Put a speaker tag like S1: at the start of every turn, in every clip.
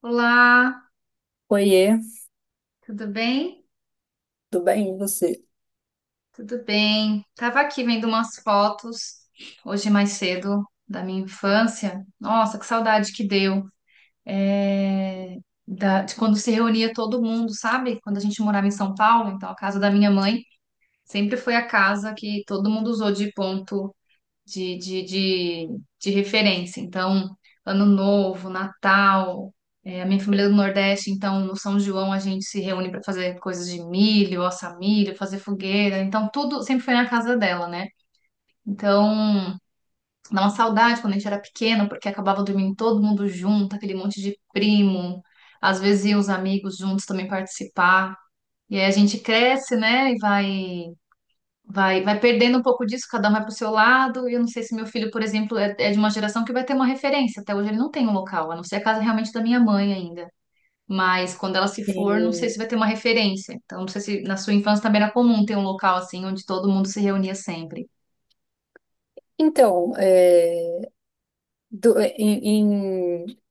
S1: Olá,
S2: Oiê,
S1: tudo bem?
S2: tudo bem? E você?
S1: Tudo bem. Tava aqui vendo umas fotos hoje mais cedo da minha infância. Nossa, que saudade que deu. É, de quando se reunia todo mundo, sabe? Quando a gente morava em São Paulo, então a casa da minha mãe sempre foi a casa que todo mundo usou de ponto de, de, de, de referência. Então, Ano Novo, Natal, é, a minha família é do Nordeste, então no São João a gente se reúne para fazer coisas de milho, assar milho, fazer fogueira. Então, tudo sempre foi na casa dela, né? Então, dá uma saudade quando a gente era pequeno, porque acabava dormindo todo mundo junto, aquele monte de primo. Às vezes iam os amigos juntos também participar. E aí a gente cresce, né? Vai, vai perdendo um pouco disso, cada um vai pro seu lado. E eu não sei se meu filho, por exemplo, é de uma geração que vai ter uma referência. Até hoje ele não tem um local, a não ser a casa realmente da minha mãe ainda. Mas quando ela se for, não sei
S2: Sim.
S1: se vai ter uma referência. Então, não sei se na sua infância também era comum ter um local assim, onde todo mundo se reunia sempre.
S2: Então, do- é, em, em,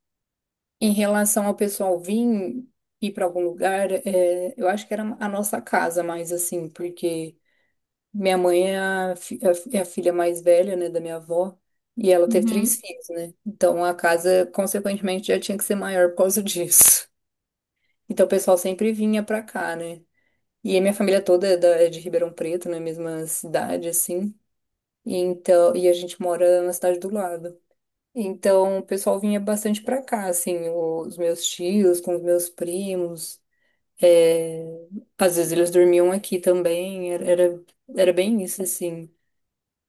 S2: em relação ao pessoal vir ir para algum lugar, eu acho que era a nossa casa mais assim, porque minha mãe é a filha mais velha, né, da minha avó, e ela teve três
S1: Uhum.
S2: filhos, né? Então a casa, consequentemente, já tinha que ser maior por causa disso. Então o pessoal sempre vinha para cá, né? E a minha família toda é de Ribeirão Preto, na mesma cidade, assim. E então, e a gente mora na cidade do lado. Então, o pessoal vinha bastante pra cá, assim, os meus tios, com os meus primos. é, Às vezes eles dormiam aqui também, era bem isso, assim.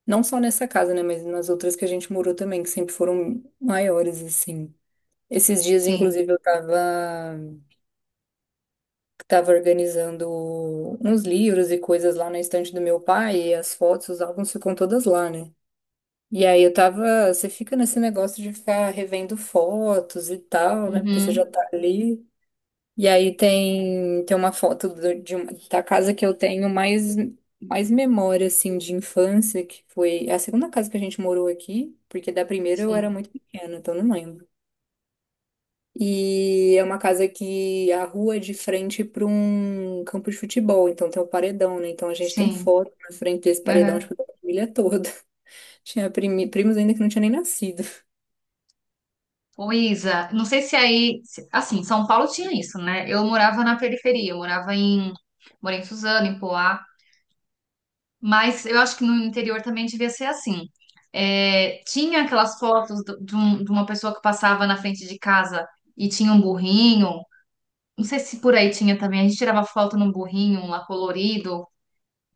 S2: Não só nessa casa, né, mas nas outras que a gente morou também, que sempre foram maiores, assim. Esses dias,
S1: Sim.
S2: inclusive, tava organizando uns livros e coisas lá na estante do meu pai, e as fotos, os álbuns ficam todas lá, né? E aí eu tava, você fica nesse negócio de ficar revendo fotos e tal, né? Porque você já
S1: Uhum.
S2: tá ali. E aí tem uma foto da casa que eu tenho mais memória, assim, de infância, que foi a segunda casa que a gente morou aqui, porque da primeira eu era
S1: Sim.
S2: muito pequena, então não lembro. E é uma casa que a rua é de frente para um campo de futebol, então tem o paredão, né? Então a gente tem
S1: Sim.
S2: foto na frente desse paredão, tipo,
S1: Uhum.
S2: da família toda. Tinha primos ainda que não tinha nem nascido.
S1: Ô, Isa, não sei se aí. Assim, São Paulo tinha isso, né? Eu morava na periferia, eu morava em. Morei em Suzano, em Poá. Mas eu acho que no interior também devia ser assim. É, tinha aquelas fotos de uma pessoa que passava na frente de casa e tinha um burrinho. Não sei se por aí tinha também. A gente tirava foto num burrinho um lá colorido.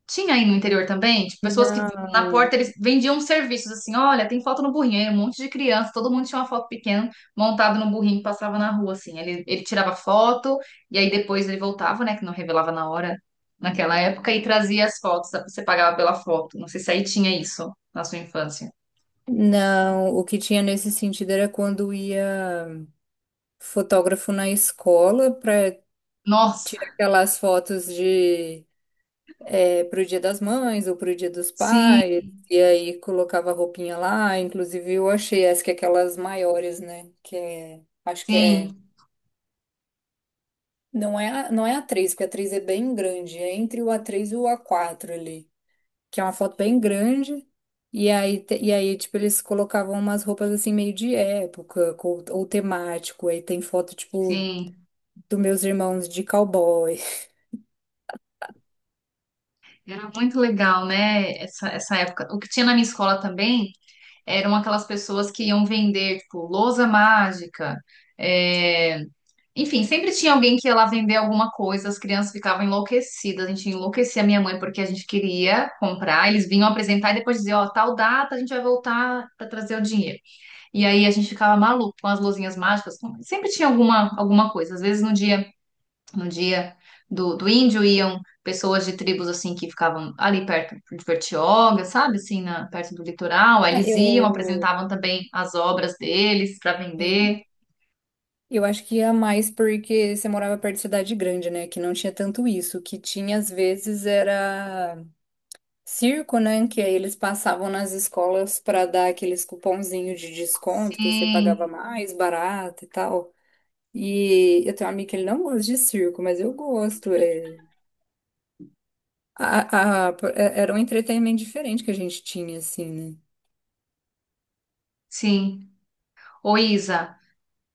S1: Tinha aí no interior também, tipo, pessoas que na
S2: Não,
S1: porta eles vendiam serviços assim, olha, tem foto no burrinho, aí um monte de criança, todo mundo tinha uma foto pequena montada no burrinho que passava na rua, assim. Ele tirava foto e aí depois ele voltava, né, que não revelava na hora, naquela época, e trazia as fotos, você pagava pela foto. Não sei se aí tinha isso na sua infância.
S2: não. O que tinha nesse sentido era quando ia fotógrafo na escola para
S1: Nossa,
S2: tirar aquelas fotos de pro Dia das Mães ou pro Dia dos
S1: sim,
S2: Pais, e aí colocava a roupinha lá. Inclusive eu achei essa que é aquelas maiores, né? Que é, acho que é,
S1: sim,
S2: não é, não é A3 porque A3 é bem grande, é entre o A3 e o A4 ali. Que é uma foto bem grande. E aí, tipo, eles colocavam umas roupas assim meio de época, ou temático. Aí tem foto, tipo,
S1: sim.
S2: dos meus irmãos de cowboy.
S1: Era muito legal, né, essa época. O que tinha na minha escola também eram aquelas pessoas que iam vender, tipo, lousa mágica. é, Enfim, sempre tinha alguém que ia lá vender alguma coisa, as crianças ficavam enlouquecidas. A gente enlouquecia a minha mãe porque a gente queria comprar. Eles vinham apresentar e depois dizer, ó, tal data a gente vai voltar para trazer o dinheiro. E aí a gente ficava maluco com as luzinhas mágicas. Sempre tinha alguma, alguma coisa. Às vezes no dia no dia do, do índio iam pessoas de tribos assim que ficavam ali perto de Bertioga, sabe? Assim, na, perto do litoral. Aí
S2: É,
S1: eles iam,
S2: Eu,
S1: apresentavam também as obras deles para vender.
S2: eu acho que ia mais porque você morava perto de cidade grande, né? Que não tinha tanto isso. O que tinha, às vezes, era circo, né? Que aí eles passavam nas escolas para dar aqueles cupomzinhos de desconto, que você pagava
S1: Sim,
S2: mais barato e tal. E eu tenho um amigo que ele não gosta de circo, mas eu gosto. Era um entretenimento diferente que a gente tinha, assim, né?
S1: sim. Ô, Isa,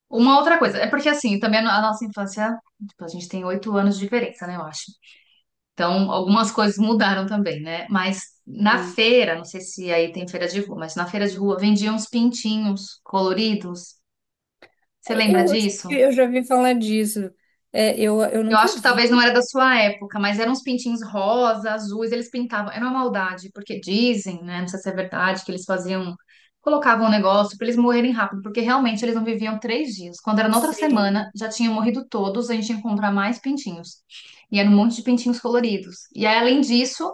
S1: uma outra coisa, é porque assim, também a nossa infância, tipo, a gente tem 8 anos de diferença, né, eu acho. Então, algumas coisas mudaram também, né? Mas na
S2: Sim.
S1: feira, não sei se aí tem feira de rua, mas na feira de rua vendiam uns pintinhos coloridos. Você lembra disso?
S2: Eu já ouvi falar disso. Eu
S1: Eu acho
S2: nunca
S1: que talvez não
S2: vi.
S1: era da sua época, mas eram uns pintinhos rosa, azuis, eles pintavam. Era uma maldade, porque dizem, né? Não sei se é verdade, que eles faziam, colocavam um negócio para eles morrerem rápido, porque realmente eles não viviam 3 dias. Quando era na outra
S2: Sim.
S1: semana, já tinham morrido todos, a gente ia comprar mais pintinhos. E era um monte de pintinhos coloridos. E aí, além disso,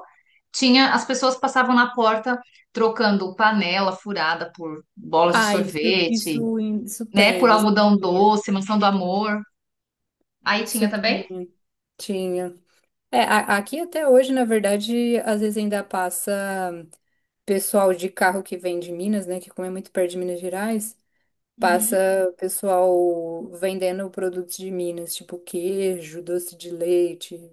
S1: tinha, as pessoas passavam na porta trocando panela furada por bolas de
S2: Ah, isso,
S1: sorvete,
S2: isso, isso
S1: né? Por
S2: tem. Isso
S1: algodão
S2: tinha.
S1: doce, mansão do amor. Aí
S2: Isso
S1: tinha
S2: tinha.
S1: também?
S2: Tinha. É, aqui até hoje, na verdade, às vezes ainda passa pessoal de carro que vem de Minas, né? Que como é muito perto de Minas Gerais. Passa
S1: Uhum.
S2: o pessoal vendendo produtos de Minas, tipo queijo, doce de leite.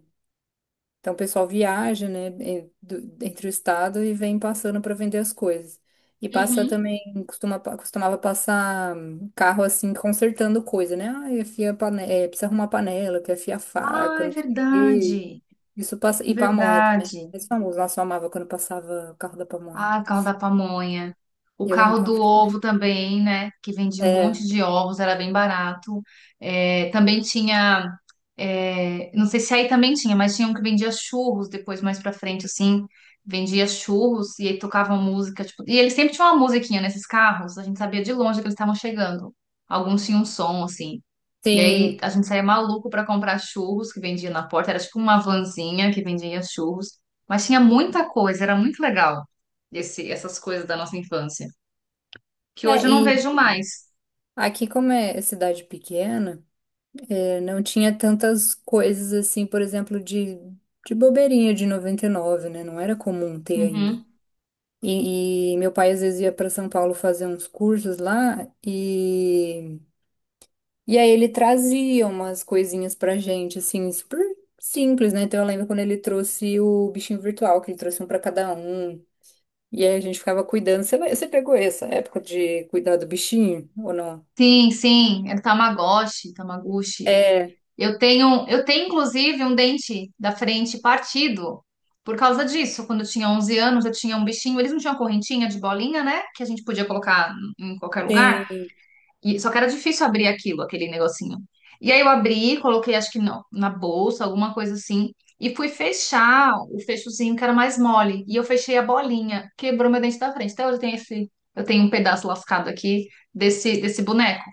S2: Então o pessoal viaja, né, entre o estado e vem passando para vender as coisas. E passa
S1: Uhum.
S2: também, costuma, costumava passar carro assim, consertando coisa, né? Ah, precisa arrumar panela, quer afiar
S1: Ah,
S2: faca,
S1: é
S2: não sei o quê.
S1: verdade.
S2: Isso passa. E pamonha também, né?
S1: Verdade.
S2: Esse famoso, nossa, eu amava quando passava o carro da pamonha.
S1: Ah, o carro da pamonha. O
S2: Eu amo
S1: carro do
S2: pamonha.
S1: ovo também, né? Que vendia um
S2: É,
S1: monte de ovos, era bem barato. É, também tinha. Não sei se aí também tinha, mas tinha um que vendia churros depois, mais pra frente, assim. Vendia churros e aí tocavam música. Tipo, e eles sempre tinham uma musiquinha nesses carros, a gente sabia de longe que eles estavam chegando. Alguns tinham um som, assim. E aí
S2: sim.
S1: a gente saía maluco pra comprar churros que vendia na porta. Era tipo uma vanzinha que vendia churros. Mas tinha muita coisa, era muito legal essas coisas da nossa infância. Que hoje
S2: É,
S1: eu não
S2: e.
S1: vejo mais.
S2: Aqui, como é cidade pequena, não tinha tantas coisas assim, por exemplo, de bobeirinha de 99, né? Não era comum ter ainda.
S1: Uhum.
S2: E meu pai às vezes ia para São Paulo fazer uns cursos lá e aí ele trazia umas coisinhas pra gente, assim, super simples, né? Então eu lembro quando ele trouxe o bichinho virtual, que ele trouxe um pra cada um. E aí a gente ficava cuidando. Você pegou essa época de cuidar do bichinho ou não?
S1: Sim, sim, era Tamagotchi, Tamaguchi.
S2: É,
S1: Eu tenho inclusive um dente da frente partido por causa disso. Quando eu tinha 11 anos, eu tinha um bichinho, eles não tinham correntinha de bolinha, né? Que a gente podia colocar em qualquer lugar.
S2: tem.
S1: E, só que era difícil abrir aquilo, aquele negocinho. E aí eu abri, coloquei, acho que não, na bolsa, alguma coisa assim, e fui fechar o fechozinho que era mais mole. E eu fechei a bolinha, quebrou meu dente da frente. Até hoje eu tenho esse, eu tenho um pedaço lascado aqui desse boneco.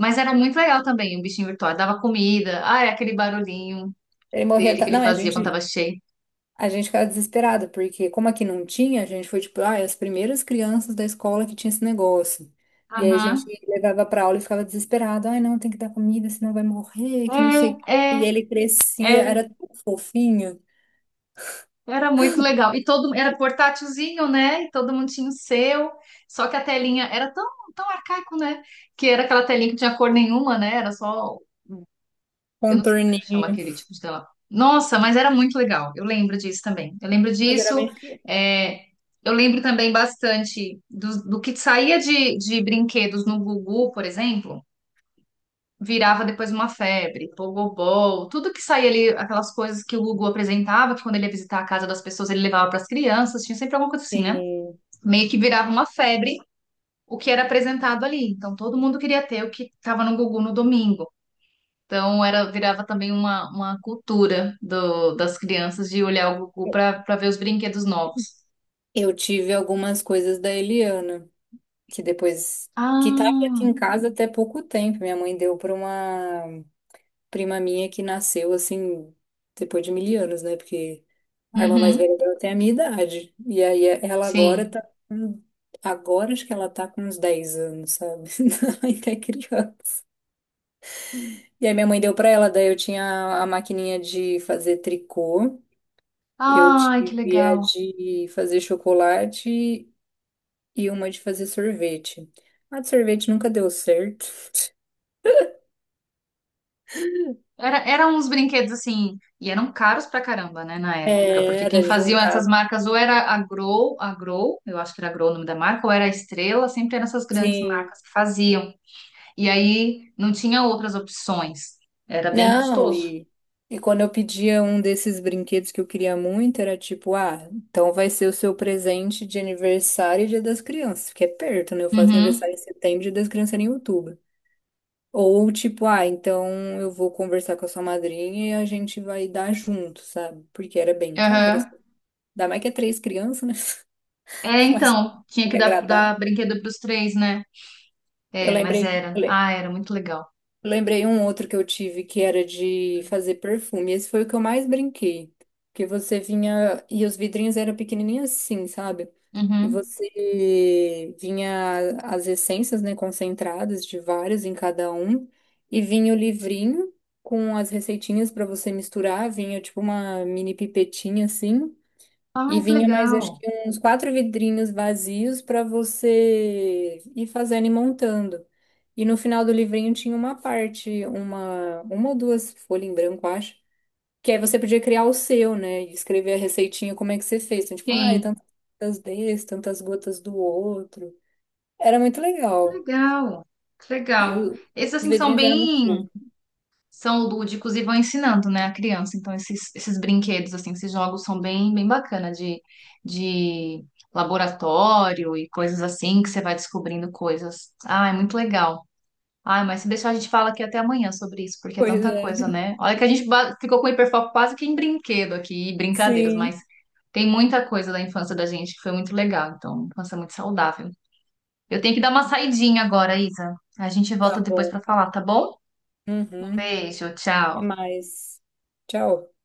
S1: Mas era muito legal também, um bichinho virtual. Dava comida, ah, é aquele barulhinho
S2: Ele morria.
S1: dele que
S2: Ta-
S1: ele
S2: Não, é, a
S1: fazia quando
S2: gente,
S1: tava cheio.
S2: A gente ficava desesperado, porque como aqui não tinha, a gente foi tipo, ah, as primeiras crianças da escola que tinha esse negócio. E aí a gente
S1: Aham.
S2: levava pra aula e ficava desesperado. Ai, não, tem que dar comida, senão vai morrer, que não sei o
S1: É,
S2: quê. E
S1: é,
S2: ele crescia,
S1: era.
S2: era tão fofinho,
S1: Era muito legal. E todo era portátilzinho, né? E todo mundo tinha o seu. Só que a telinha era tão, tão arcaico, né? Que era aquela telinha que não tinha cor nenhuma, né? Era só, eu não sei como é que chama
S2: contorninho,
S1: aquele tipo de tela. Nossa, mas era muito legal. Eu lembro disso também. Eu lembro
S2: mas era
S1: disso.
S2: bem pequeno.
S1: é, eu lembro também bastante do que saía de brinquedos no Gugu, por exemplo virava depois uma febre, pogobol, tudo que saía ali, aquelas coisas que o Gugu apresentava, que quando ele ia visitar a casa das pessoas ele levava para as crianças, tinha sempre alguma coisa assim, né?
S2: E
S1: Meio que virava uma febre o que era apresentado ali. Então todo mundo queria ter o que estava no Gugu no domingo. Então era virava também uma cultura do, das crianças de olhar o Gugu para ver os brinquedos novos.
S2: Eu tive algumas coisas da Eliana, que depois, que tava aqui
S1: Ah,
S2: em casa até pouco tempo. Minha mãe deu pra uma prima minha que nasceu assim, depois de mil anos, né? Porque a irmã mais
S1: uhum,
S2: velha dela tem a minha idade. E aí ela agora tá.
S1: sim.
S2: com- Agora acho que ela tá com uns 10 anos, sabe? Ainda é criança. E aí minha mãe deu pra ela, daí eu tinha a maquininha de fazer tricô, eu
S1: Ai, que
S2: tive a
S1: legal.
S2: de fazer chocolate e uma de fazer sorvete. A de sorvete nunca deu certo.
S1: Era, eram uns brinquedos assim, e eram caros pra caramba, né, na época,
S2: É,
S1: porque
S2: era
S1: quem faziam essas
S2: juntar,
S1: marcas ou era a Grow, eu acho que era a Grow o nome da marca, ou era a Estrela, sempre eram essas grandes
S2: sim.
S1: marcas que faziam. E aí não tinha outras opções, era bem
S2: Não,
S1: custoso.
S2: e, E quando eu pedia um desses brinquedos que eu queria muito, era tipo, ah, então vai ser o seu presente de aniversário e Dia das Crianças, que é perto, né? Eu faço
S1: Uhum,
S2: aniversário em setembro, Dia das Crianças era em outubro. Ou tipo, ah, então eu vou conversar com a sua madrinha e a gente vai dar junto, sabe? Porque era bem caro. Assim.
S1: aham.
S2: Ainda mais que é três crianças, né?
S1: É,
S2: Mas
S1: então, tinha
S2: tem
S1: que
S2: que
S1: dar,
S2: agradar.
S1: dar brinquedo pros três, né?
S2: Eu
S1: É, mas
S2: lembrei,
S1: era, ah, era muito legal.
S2: Eu lembrei um outro que eu tive que era de fazer perfume. Esse foi o que eu mais brinquei. Porque você vinha. E os vidrinhos eram pequenininhos assim, sabe? E
S1: Uhum.
S2: você vinha as essências, né, concentradas de vários em cada um. E vinha o livrinho com as receitinhas para você misturar. Vinha tipo uma mini pipetinha assim. E
S1: Ah, que
S2: vinha mais,
S1: legal.
S2: acho que uns quatro vidrinhos vazios para você ir fazendo e montando. E no final do livrinho tinha uma parte, uma ou duas folhas em branco, acho. Que aí você podia criar o seu, né? E escrever a receitinha, como é que você fez. Então, tipo, ah, é
S1: Sim,
S2: tantas gotas desse, tantas gotas do outro. Era muito
S1: que
S2: legal.
S1: legal, que
S2: E
S1: legal.
S2: o-
S1: Esses
S2: os
S1: assim são
S2: vidrinhos eram muito
S1: bem
S2: fofos.
S1: são lúdicos e vão ensinando, né, a criança. Então, esses, esses brinquedos, assim, esses jogos são bem, bem bacana de laboratório e coisas assim, que você vai descobrindo coisas. Ah, é muito legal. Ah, mas se deixar, a gente fala aqui até amanhã sobre isso, porque é
S2: Pois
S1: tanta
S2: é.
S1: coisa, né? Olha que a gente ficou com hiperfoco quase que em brinquedo aqui, e brincadeiras,
S2: Sim,
S1: mas tem muita coisa da infância da gente que foi muito legal, então, infância muito saudável. Eu tenho que dar uma saidinha agora, Isa. A gente
S2: tá
S1: volta depois
S2: bom.
S1: pra falar, tá bom?
S2: Uhum.
S1: Beijo,
S2: É
S1: tchau.
S2: mais. Tchau.